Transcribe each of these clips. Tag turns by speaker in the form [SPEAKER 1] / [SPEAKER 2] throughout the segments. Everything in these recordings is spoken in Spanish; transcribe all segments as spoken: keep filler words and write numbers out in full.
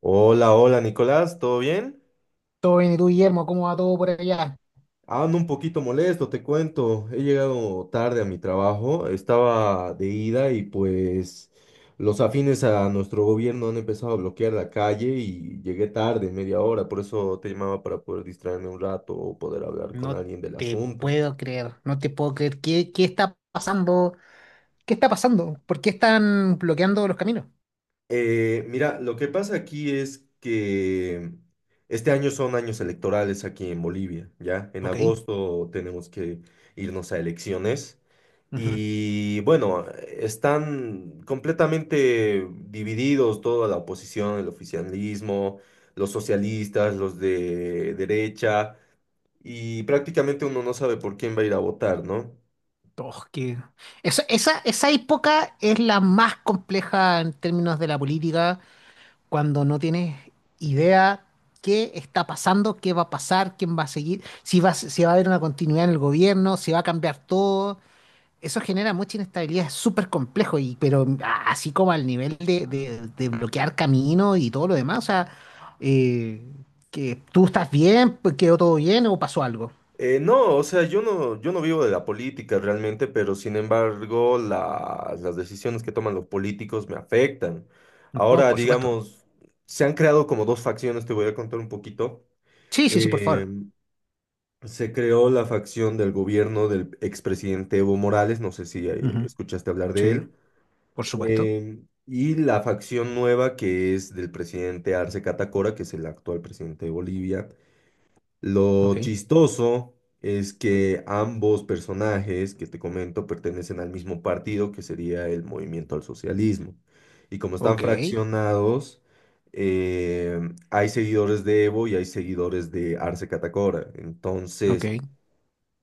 [SPEAKER 1] Hola, hola Nicolás, ¿todo bien?
[SPEAKER 2] Todo bien, ¿y tú, Guillermo? ¿Cómo va todo por allá?
[SPEAKER 1] Ah, Ando un poquito molesto, te cuento. He llegado tarde a mi trabajo, estaba de ida y pues los afines a nuestro gobierno han empezado a bloquear la calle y llegué tarde, media hora, por eso te llamaba para poder distraerme un rato o poder hablar con
[SPEAKER 2] No
[SPEAKER 1] alguien del
[SPEAKER 2] te
[SPEAKER 1] asunto.
[SPEAKER 2] puedo creer, no te puedo creer. ¿Qué, qué está pasando? ¿Qué está pasando? ¿Por qué están bloqueando los caminos?
[SPEAKER 1] Eh, mira, lo que pasa aquí es que este año son años electorales aquí en Bolivia, ¿ya? En
[SPEAKER 2] Ok.
[SPEAKER 1] agosto tenemos que irnos a elecciones
[SPEAKER 2] Ujú.
[SPEAKER 1] y bueno, están completamente divididos toda la oposición, el oficialismo, los socialistas, los de derecha y prácticamente uno no sabe por quién va a ir a votar, ¿no?
[SPEAKER 2] Oh, qué- Esa, esa, esa época es la más compleja en términos de la política, cuando no tienes idea qué está pasando, qué va a pasar, quién va a seguir, si va, a- si va a haber una continuidad en el gobierno, si va a cambiar todo. Eso genera mucha inestabilidad, es súper complejo, y, pero ah, así como al nivel de, de- de bloquear camino y todo lo demás, o sea, eh, que tú estás bien, pues, quedó todo bien o pasó algo.
[SPEAKER 1] Eh, no, o sea, yo no, yo no vivo de la política realmente, pero sin embargo la- las decisiones que toman los políticos me afectan.
[SPEAKER 2] No,
[SPEAKER 1] Ahora,
[SPEAKER 2] por supuesto.
[SPEAKER 1] digamos, se han creado como dos facciones, te voy a contar un poquito.
[SPEAKER 2] Sí, sí, sí, por
[SPEAKER 1] Eh,
[SPEAKER 2] favor.
[SPEAKER 1] Se creó la facción del gobierno del expresidente Evo Morales, no sé si eh,
[SPEAKER 2] Ujú.
[SPEAKER 1] escuchaste hablar de
[SPEAKER 2] Sí,
[SPEAKER 1] él,
[SPEAKER 2] por supuesto.
[SPEAKER 1] eh, y la facción nueva que es del presidente Arce Catacora, que es el actual presidente de Bolivia.
[SPEAKER 2] Ok,
[SPEAKER 1] Lo chistoso es que ambos personajes que te comento pertenecen al mismo partido, que sería el movimiento al socialismo. Y como están
[SPEAKER 2] ok,
[SPEAKER 1] fraccionados, eh, hay seguidores de Evo y hay seguidores de Arce Catacora.
[SPEAKER 2] ok,
[SPEAKER 1] Entonces,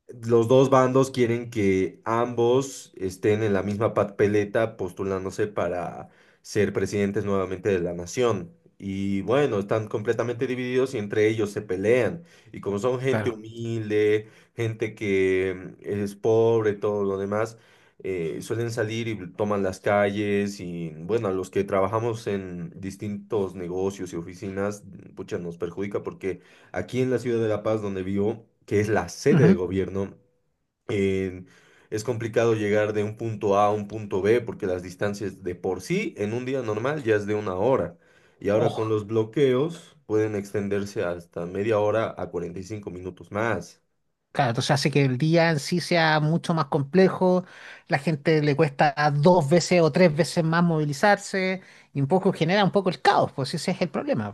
[SPEAKER 1] los dos bandos quieren que ambos estén en la misma papeleta postulándose para ser presidentes nuevamente de la nación. Y bueno, están completamente divididos y entre ellos se pelean. Y como son gente
[SPEAKER 2] claro.
[SPEAKER 1] humilde, gente que mm, es pobre, todo lo demás, eh, suelen salir y toman las calles. Y bueno, a los que trabajamos en distintos negocios y oficinas, mm, pucha, nos perjudica porque aquí en la ciudad de La Paz, donde vivo, que es la sede de
[SPEAKER 2] Ujú.
[SPEAKER 1] gobierno, en- es complicado llegar de un punto A a un punto B porque las distancias de por sí en un día normal ya es de una hora. Y ahora con
[SPEAKER 2] Ojo.
[SPEAKER 1] los bloqueos pueden extenderse hasta media hora a cuarenta y cinco minutos más.
[SPEAKER 2] Claro, entonces hace que el día en sí sea mucho más complejo, la gente le cuesta dos veces o tres veces más movilizarse y un poco genera un poco el caos, pues ese es el problema.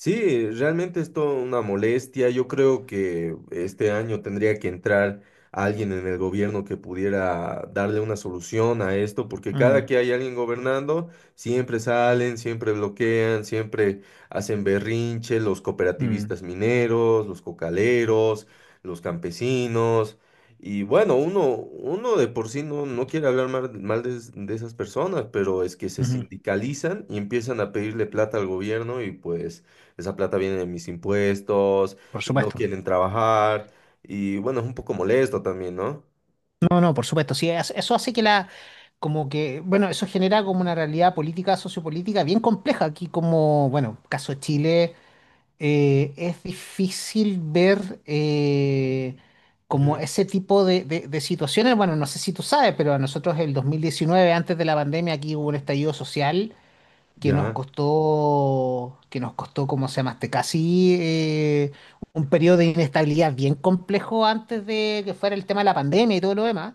[SPEAKER 1] Sí, realmente es toda una molestia. Yo creo que este año tendría que entrar alguien en el gobierno que pudiera darle una solución a esto, porque cada
[SPEAKER 2] Mm,
[SPEAKER 1] que hay alguien gobernando, siempre salen, siempre bloquean, siempre hacen berrinche, los
[SPEAKER 2] mm,
[SPEAKER 1] cooperativistas mineros, los cocaleros, los campesinos. Y bueno, uno, uno de por sí no, no quiere hablar mal, mal de, es- de esas personas, pero es que se
[SPEAKER 2] ujú.
[SPEAKER 1] sindicalizan y empiezan a pedirle plata al gobierno y pues esa plata viene de mis impuestos
[SPEAKER 2] Por
[SPEAKER 1] y no
[SPEAKER 2] supuesto.
[SPEAKER 1] quieren trabajar. Y bueno, es un poco molesto también, ¿no?
[SPEAKER 2] No, no, por supuesto. Sí, es- eso hace que la, como que, bueno, eso genera como una realidad política, sociopolítica bien compleja. Aquí como, bueno, caso de Chile, eh, es difícil ver eh, como
[SPEAKER 1] Ujú.
[SPEAKER 2] ese tipo de, de- de situaciones. Bueno, no sé si tú sabes, pero a nosotros el dos mil diecinueve antes de la pandemia, aquí hubo un estallido social que nos
[SPEAKER 1] Ya,
[SPEAKER 2] costó, que nos costó, ¿cómo se llama? este? Casi eh, un periodo de inestabilidad bien complejo antes de que fuera el tema de la pandemia y todo lo demás.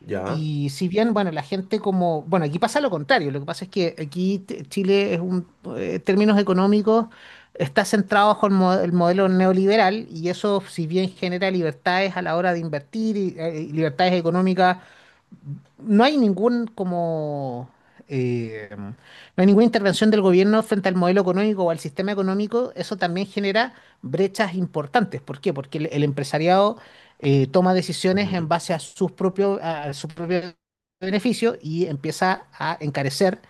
[SPEAKER 1] ya,
[SPEAKER 2] Y si bien, bueno, la gente como, bueno, aquí pasa lo contrario, lo que pasa es que aquí t- Chile es un, eh, en términos económicos, está centrado bajo el, mo- el modelo neoliberal y eso, si bien genera libertades a la hora de invertir y eh, libertades económicas no hay ningún como eh, no hay ninguna intervención del gobierno frente al modelo económico o al sistema económico, eso también genera brechas importantes. ¿Por qué? Porque el, el empresariado eh, toma decisiones en
[SPEAKER 1] ujú,
[SPEAKER 2] base a sus propios, a su propio beneficio y empieza a encarecer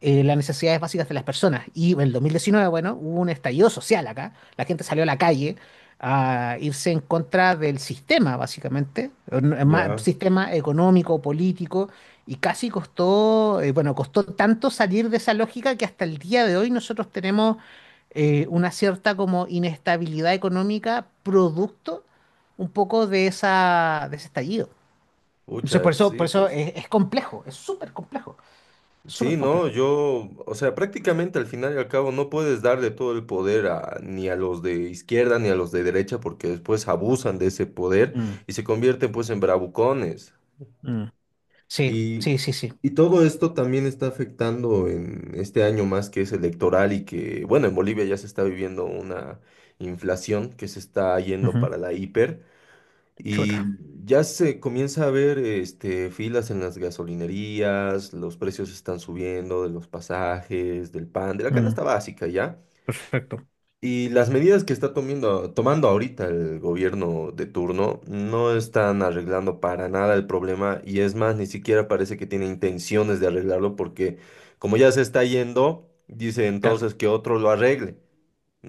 [SPEAKER 2] eh, las necesidades básicas de las personas. Y en el dos mil diecinueve, bueno, hubo un estallido social acá. La gente salió a la calle a irse en contra del sistema, básicamente, o no- ma-
[SPEAKER 1] ya.
[SPEAKER 2] sistema económico, político, y casi costó, eh, bueno, costó tanto salir de esa lógica que hasta el día de hoy nosotros tenemos eh, una cierta como inestabilidad económica producto un poco de esa, de ese estallido. Entonces, por
[SPEAKER 1] Pucha,
[SPEAKER 2] eso, por
[SPEAKER 1] sí,
[SPEAKER 2] eso
[SPEAKER 1] pues.
[SPEAKER 2] es, es complejo, es súper complejo, súper
[SPEAKER 1] Sí, no,
[SPEAKER 2] complejo.
[SPEAKER 1] yo, o sea, prácticamente al final y al cabo no puedes darle todo el poder a, ni a los de izquierda ni a los de derecha porque después abusan de ese poder
[SPEAKER 2] Mm,
[SPEAKER 1] y se convierten pues en bravucones.
[SPEAKER 2] mm. Sí,
[SPEAKER 1] Y,
[SPEAKER 2] sí, sí, sí.
[SPEAKER 1] y todo esto también está afectando en este año más que es electoral y que, bueno, en Bolivia ya se está viviendo una inflación que se está yendo
[SPEAKER 2] Ujú.
[SPEAKER 1] para la hiper y
[SPEAKER 2] Chuta.
[SPEAKER 1] ya se comienza a ver este, filas en las gasolinerías, los precios están subiendo de los pasajes, del pan, de la
[SPEAKER 2] Mm.
[SPEAKER 1] canasta básica, ¿ya?
[SPEAKER 2] Perfecto.
[SPEAKER 1] Y las medidas que está tomando, tomando ahorita el gobierno de turno no están arreglando para nada el problema y es más, ni siquiera parece que tiene intenciones de arreglarlo porque como ya se está yendo, dice
[SPEAKER 2] Claro.
[SPEAKER 1] entonces que otro lo arregle,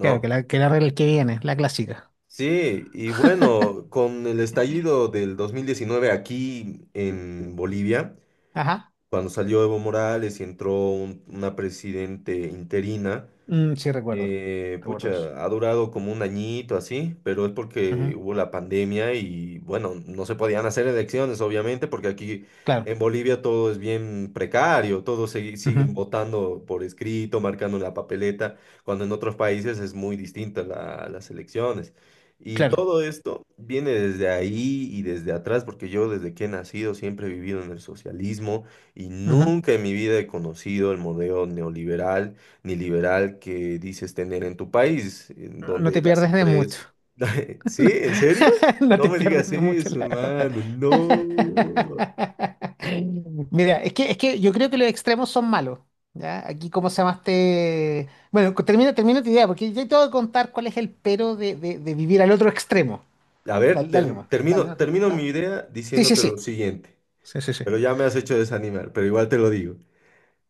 [SPEAKER 2] Claro, que la, que la regla que viene, la clásica.
[SPEAKER 1] Sí, y bueno, con el estallido del dos mil diecinueve aquí en Bolivia,
[SPEAKER 2] Ajá.
[SPEAKER 1] cuando salió Evo Morales y entró un- una presidente interina.
[SPEAKER 2] Mm, sí, recuerdo.
[SPEAKER 1] Eh,
[SPEAKER 2] Recuerdo eso.
[SPEAKER 1] pucha, ha durado como un añito así, pero es porque
[SPEAKER 2] Ujú.
[SPEAKER 1] hubo la pandemia y bueno, no se podían hacer elecciones, obviamente, porque aquí
[SPEAKER 2] Claro.
[SPEAKER 1] en Bolivia todo es bien precario, todos se-
[SPEAKER 2] Ujú.
[SPEAKER 1] siguen votando por escrito, marcando en la papeleta, cuando en otros países es muy distinta la- las elecciones. Y
[SPEAKER 2] Claro.
[SPEAKER 1] todo esto viene desde ahí y desde atrás, porque yo desde que he nacido siempre he vivido en el socialismo y
[SPEAKER 2] Ujú.
[SPEAKER 1] nunca en mi vida he conocido el modelo neoliberal ni liberal que dices tener en tu país, en
[SPEAKER 2] No, no
[SPEAKER 1] donde
[SPEAKER 2] te
[SPEAKER 1] las
[SPEAKER 2] pierdes de mucho.
[SPEAKER 1] empresas... ¿Sí? ¿En serio?
[SPEAKER 2] No
[SPEAKER 1] No
[SPEAKER 2] te
[SPEAKER 1] me
[SPEAKER 2] pierdes
[SPEAKER 1] digas
[SPEAKER 2] de mucho,
[SPEAKER 1] eso,
[SPEAKER 2] la verdad.
[SPEAKER 1] hermano. No.
[SPEAKER 2] Mira, es que, es que yo creo que los extremos son malos. ¿Ya? Aquí, ¿cómo se llamaste? Bueno, co- termina, termina tu idea, porque yo te voy a contar cuál es el pero de, de- de vivir al otro extremo.
[SPEAKER 1] A
[SPEAKER 2] Dale,
[SPEAKER 1] ver,
[SPEAKER 2] dale
[SPEAKER 1] ter-
[SPEAKER 2] nomás. Dale,
[SPEAKER 1] termino,
[SPEAKER 2] no.
[SPEAKER 1] termino mi
[SPEAKER 2] No.
[SPEAKER 1] idea
[SPEAKER 2] Sí, sí,
[SPEAKER 1] diciéndote lo
[SPEAKER 2] sí.
[SPEAKER 1] siguiente,
[SPEAKER 2] Sí, sí, sí.
[SPEAKER 1] pero ya me has hecho desanimar, pero igual te lo digo.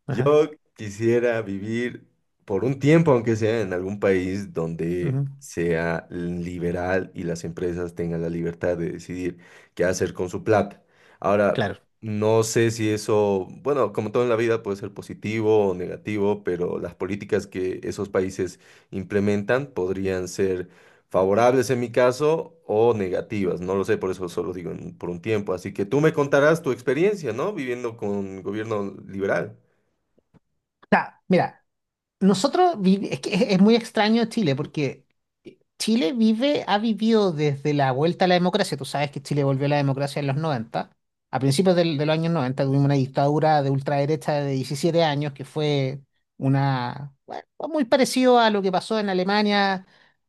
[SPEAKER 2] Ajá.
[SPEAKER 1] Yo quisiera vivir por un tiempo, aunque sea en algún país donde
[SPEAKER 2] Ujú.
[SPEAKER 1] sea liberal y las empresas tengan la libertad de decidir qué hacer con su plata. Ahora,
[SPEAKER 2] Claro.
[SPEAKER 1] no sé si eso, bueno, como todo en la vida puede ser positivo o negativo, pero las políticas que esos países implementan podrían ser favorables en mi caso o negativas. No lo sé, por eso solo digo en- por un tiempo. Así que tú me contarás tu experiencia, ¿no? Viviendo con gobierno liberal.
[SPEAKER 2] O sea, mira, nosotros vivi- es que es, es muy extraño Chile porque Chile vive, ha vivido desde la vuelta a la democracia. Tú sabes que Chile volvió a la democracia en los noventa. A principios del- de los años noventa tuvimos una dictadura de ultraderecha de diecisiete años que fue una, bueno, muy parecido a lo que pasó en Alemania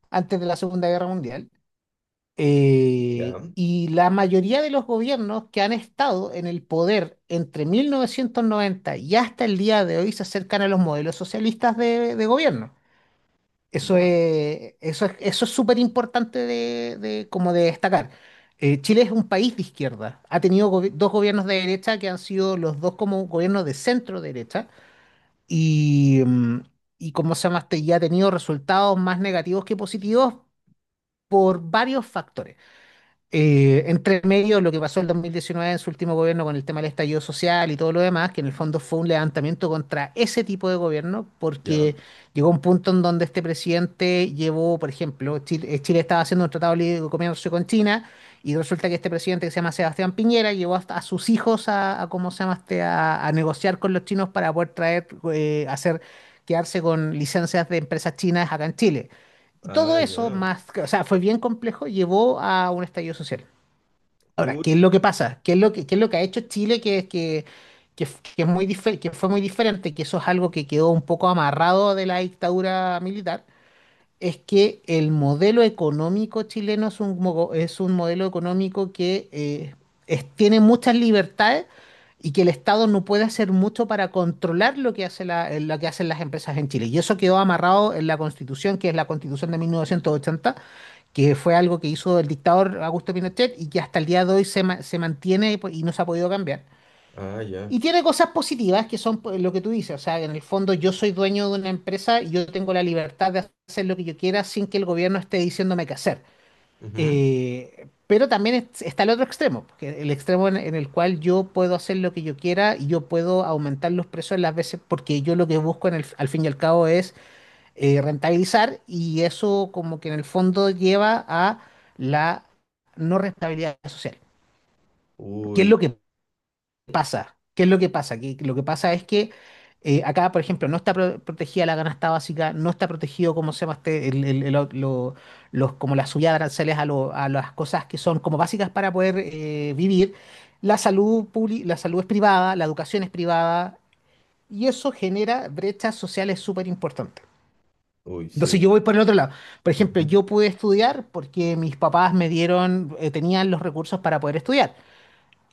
[SPEAKER 2] antes de la Segunda Guerra Mundial.
[SPEAKER 1] Ya,
[SPEAKER 2] Eh, y la mayoría de los gobiernos que han estado en el poder entre mil novecientos noventa y hasta el día de hoy se acercan a los modelos socialistas de, de gobierno. Eso
[SPEAKER 1] ya,
[SPEAKER 2] es, eso es, eso es súper importante de, de- como de destacar. Eh, Chile es un país de izquierda. Ha tenido gobi- dos gobiernos de derecha que han sido los dos como gobiernos de centro derecha. Y, mm, y como se llama, este, y ha tenido resultados más negativos que positivos por varios factores eh, entre medio lo que pasó el dos mil diecinueve en su último gobierno con el tema del estallido social y todo lo demás, que en el fondo fue un levantamiento contra ese tipo de gobierno,
[SPEAKER 1] ya.
[SPEAKER 2] porque llegó un punto en donde este presidente llevó, por ejemplo, Chile, eh, Chile estaba haciendo un tratado libre de comercio con China, y resulta que este presidente que se llama Sebastián Piñera llevó hasta a sus hijos a, a ¿cómo se llama este? A, a negociar con los chinos para poder traer, eh, hacer, quedarse con licencias de empresas chinas acá en Chile. Y
[SPEAKER 1] Ah,
[SPEAKER 2] todo eso,
[SPEAKER 1] ya.
[SPEAKER 2] más, o sea, fue bien complejo, llevó a un estallido social. Ahora, ¿qué es
[SPEAKER 1] Pucha.
[SPEAKER 2] lo que pasa? ¿Qué es lo que, qué es lo que ha hecho Chile que, que, que, f- que es muy dife- que fue muy diferente? Que eso es algo que quedó un poco amarrado de la dictadura militar, es que el modelo económico chileno es un, mogo- es un modelo económico que eh, es- tiene muchas libertades y que el Estado no puede hacer mucho para controlar lo que hace la- eh, lo que hacen las empresas en Chile. Y eso quedó amarrado en la Constitución, que es la Constitución de mil novecientos ochenta que fue algo que hizo el dictador Augusto Pinochet y que hasta el día de hoy se, ma- se mantiene y po- y no se ha podido cambiar.
[SPEAKER 1] Ah, ya.
[SPEAKER 2] Y tiene cosas positivas que son pues, lo que tú dices, o sea, en el fondo yo soy dueño de una empresa y yo tengo la libertad de hacer lo que yo quiera sin que el gobierno esté diciéndome qué hacer.
[SPEAKER 1] Ujú.
[SPEAKER 2] Eh, pero también es- está el otro extremo, que el extremo en, en el cual yo puedo hacer lo que yo quiera y yo puedo aumentar los precios las veces porque yo lo que busco en el- al fin y al cabo es eh, rentabilizar y eso como que en el fondo lleva a la no rentabilidad social. ¿Qué es
[SPEAKER 1] Uy,
[SPEAKER 2] lo que pasa? ¿Qué es lo que pasa? Que lo que pasa es que eh, acá, por ejemplo, no está pro- protegida la canasta básica, no está protegido, como se llama este, el- el- el o- lo- los, como la subida de aranceles a, lo- a las cosas que son como básicas para poder eh, vivir. La salud publi- la salud es privada, la educación es privada, y eso genera brechas sociales súper importantes.
[SPEAKER 1] uy,
[SPEAKER 2] Entonces
[SPEAKER 1] sí.
[SPEAKER 2] yo voy por el otro lado. Por ejemplo,
[SPEAKER 1] Ujú.
[SPEAKER 2] yo pude estudiar porque mis papás me dieron, eh, tenían los recursos para poder estudiar.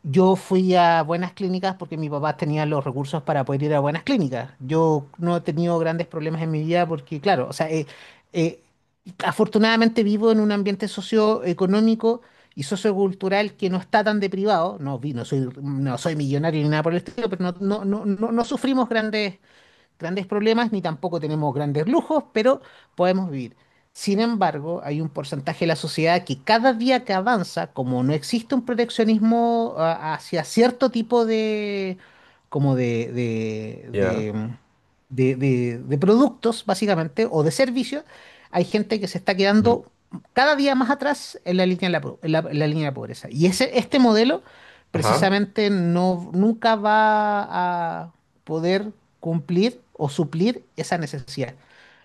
[SPEAKER 2] Yo fui a buenas clínicas porque mi papá tenía los recursos para poder ir a buenas clínicas. Yo no he tenido grandes problemas en mi vida porque, claro, o sea, eh, eh, afortunadamente vivo en un ambiente socioeconómico y sociocultural que no está tan deprivado. No, vi, no soy, no soy millonario ni nada por el estilo, pero no, no, no, no, no sufrimos grandes grandes problemas ni tampoco tenemos grandes lujos, pero podemos vivir. Sin embargo, hay un porcentaje de la sociedad que cada día que avanza, como no existe un proteccionismo ah, hacia cierto tipo de, como de, de,
[SPEAKER 1] Ya.
[SPEAKER 2] de, de, de- de productos, básicamente, o de servicios, hay gente que se está
[SPEAKER 1] Ujú.
[SPEAKER 2] quedando cada día más atrás en la línea de la, po- en la- en la línea de la pobreza. Y ese, este modelo
[SPEAKER 1] Ajá.
[SPEAKER 2] precisamente no, nunca va a, poder cumplir o suplir esa necesidad.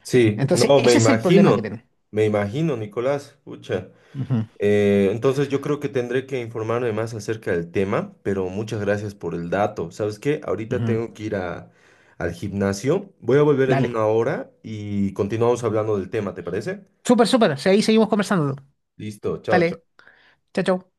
[SPEAKER 1] Sí,
[SPEAKER 2] Entonces,
[SPEAKER 1] no, me
[SPEAKER 2] ese es el problema que
[SPEAKER 1] imagino.
[SPEAKER 2] tenemos.
[SPEAKER 1] Me imagino, Nicolás. Pucha.
[SPEAKER 2] Ujú,
[SPEAKER 1] Eh, entonces yo creo que tendré que informarme más acerca del tema, pero muchas gracias por el dato. ¿Sabes qué? Ahorita
[SPEAKER 2] ujú.
[SPEAKER 1] tengo que ir a- al gimnasio. Voy a volver en
[SPEAKER 2] Dale.
[SPEAKER 1] una hora y continuamos hablando del tema, ¿te parece?
[SPEAKER 2] Súper, súper. O sea, ahí seguimos conversando.
[SPEAKER 1] Listo, chao, chao.
[SPEAKER 2] Dale. Chao, chao.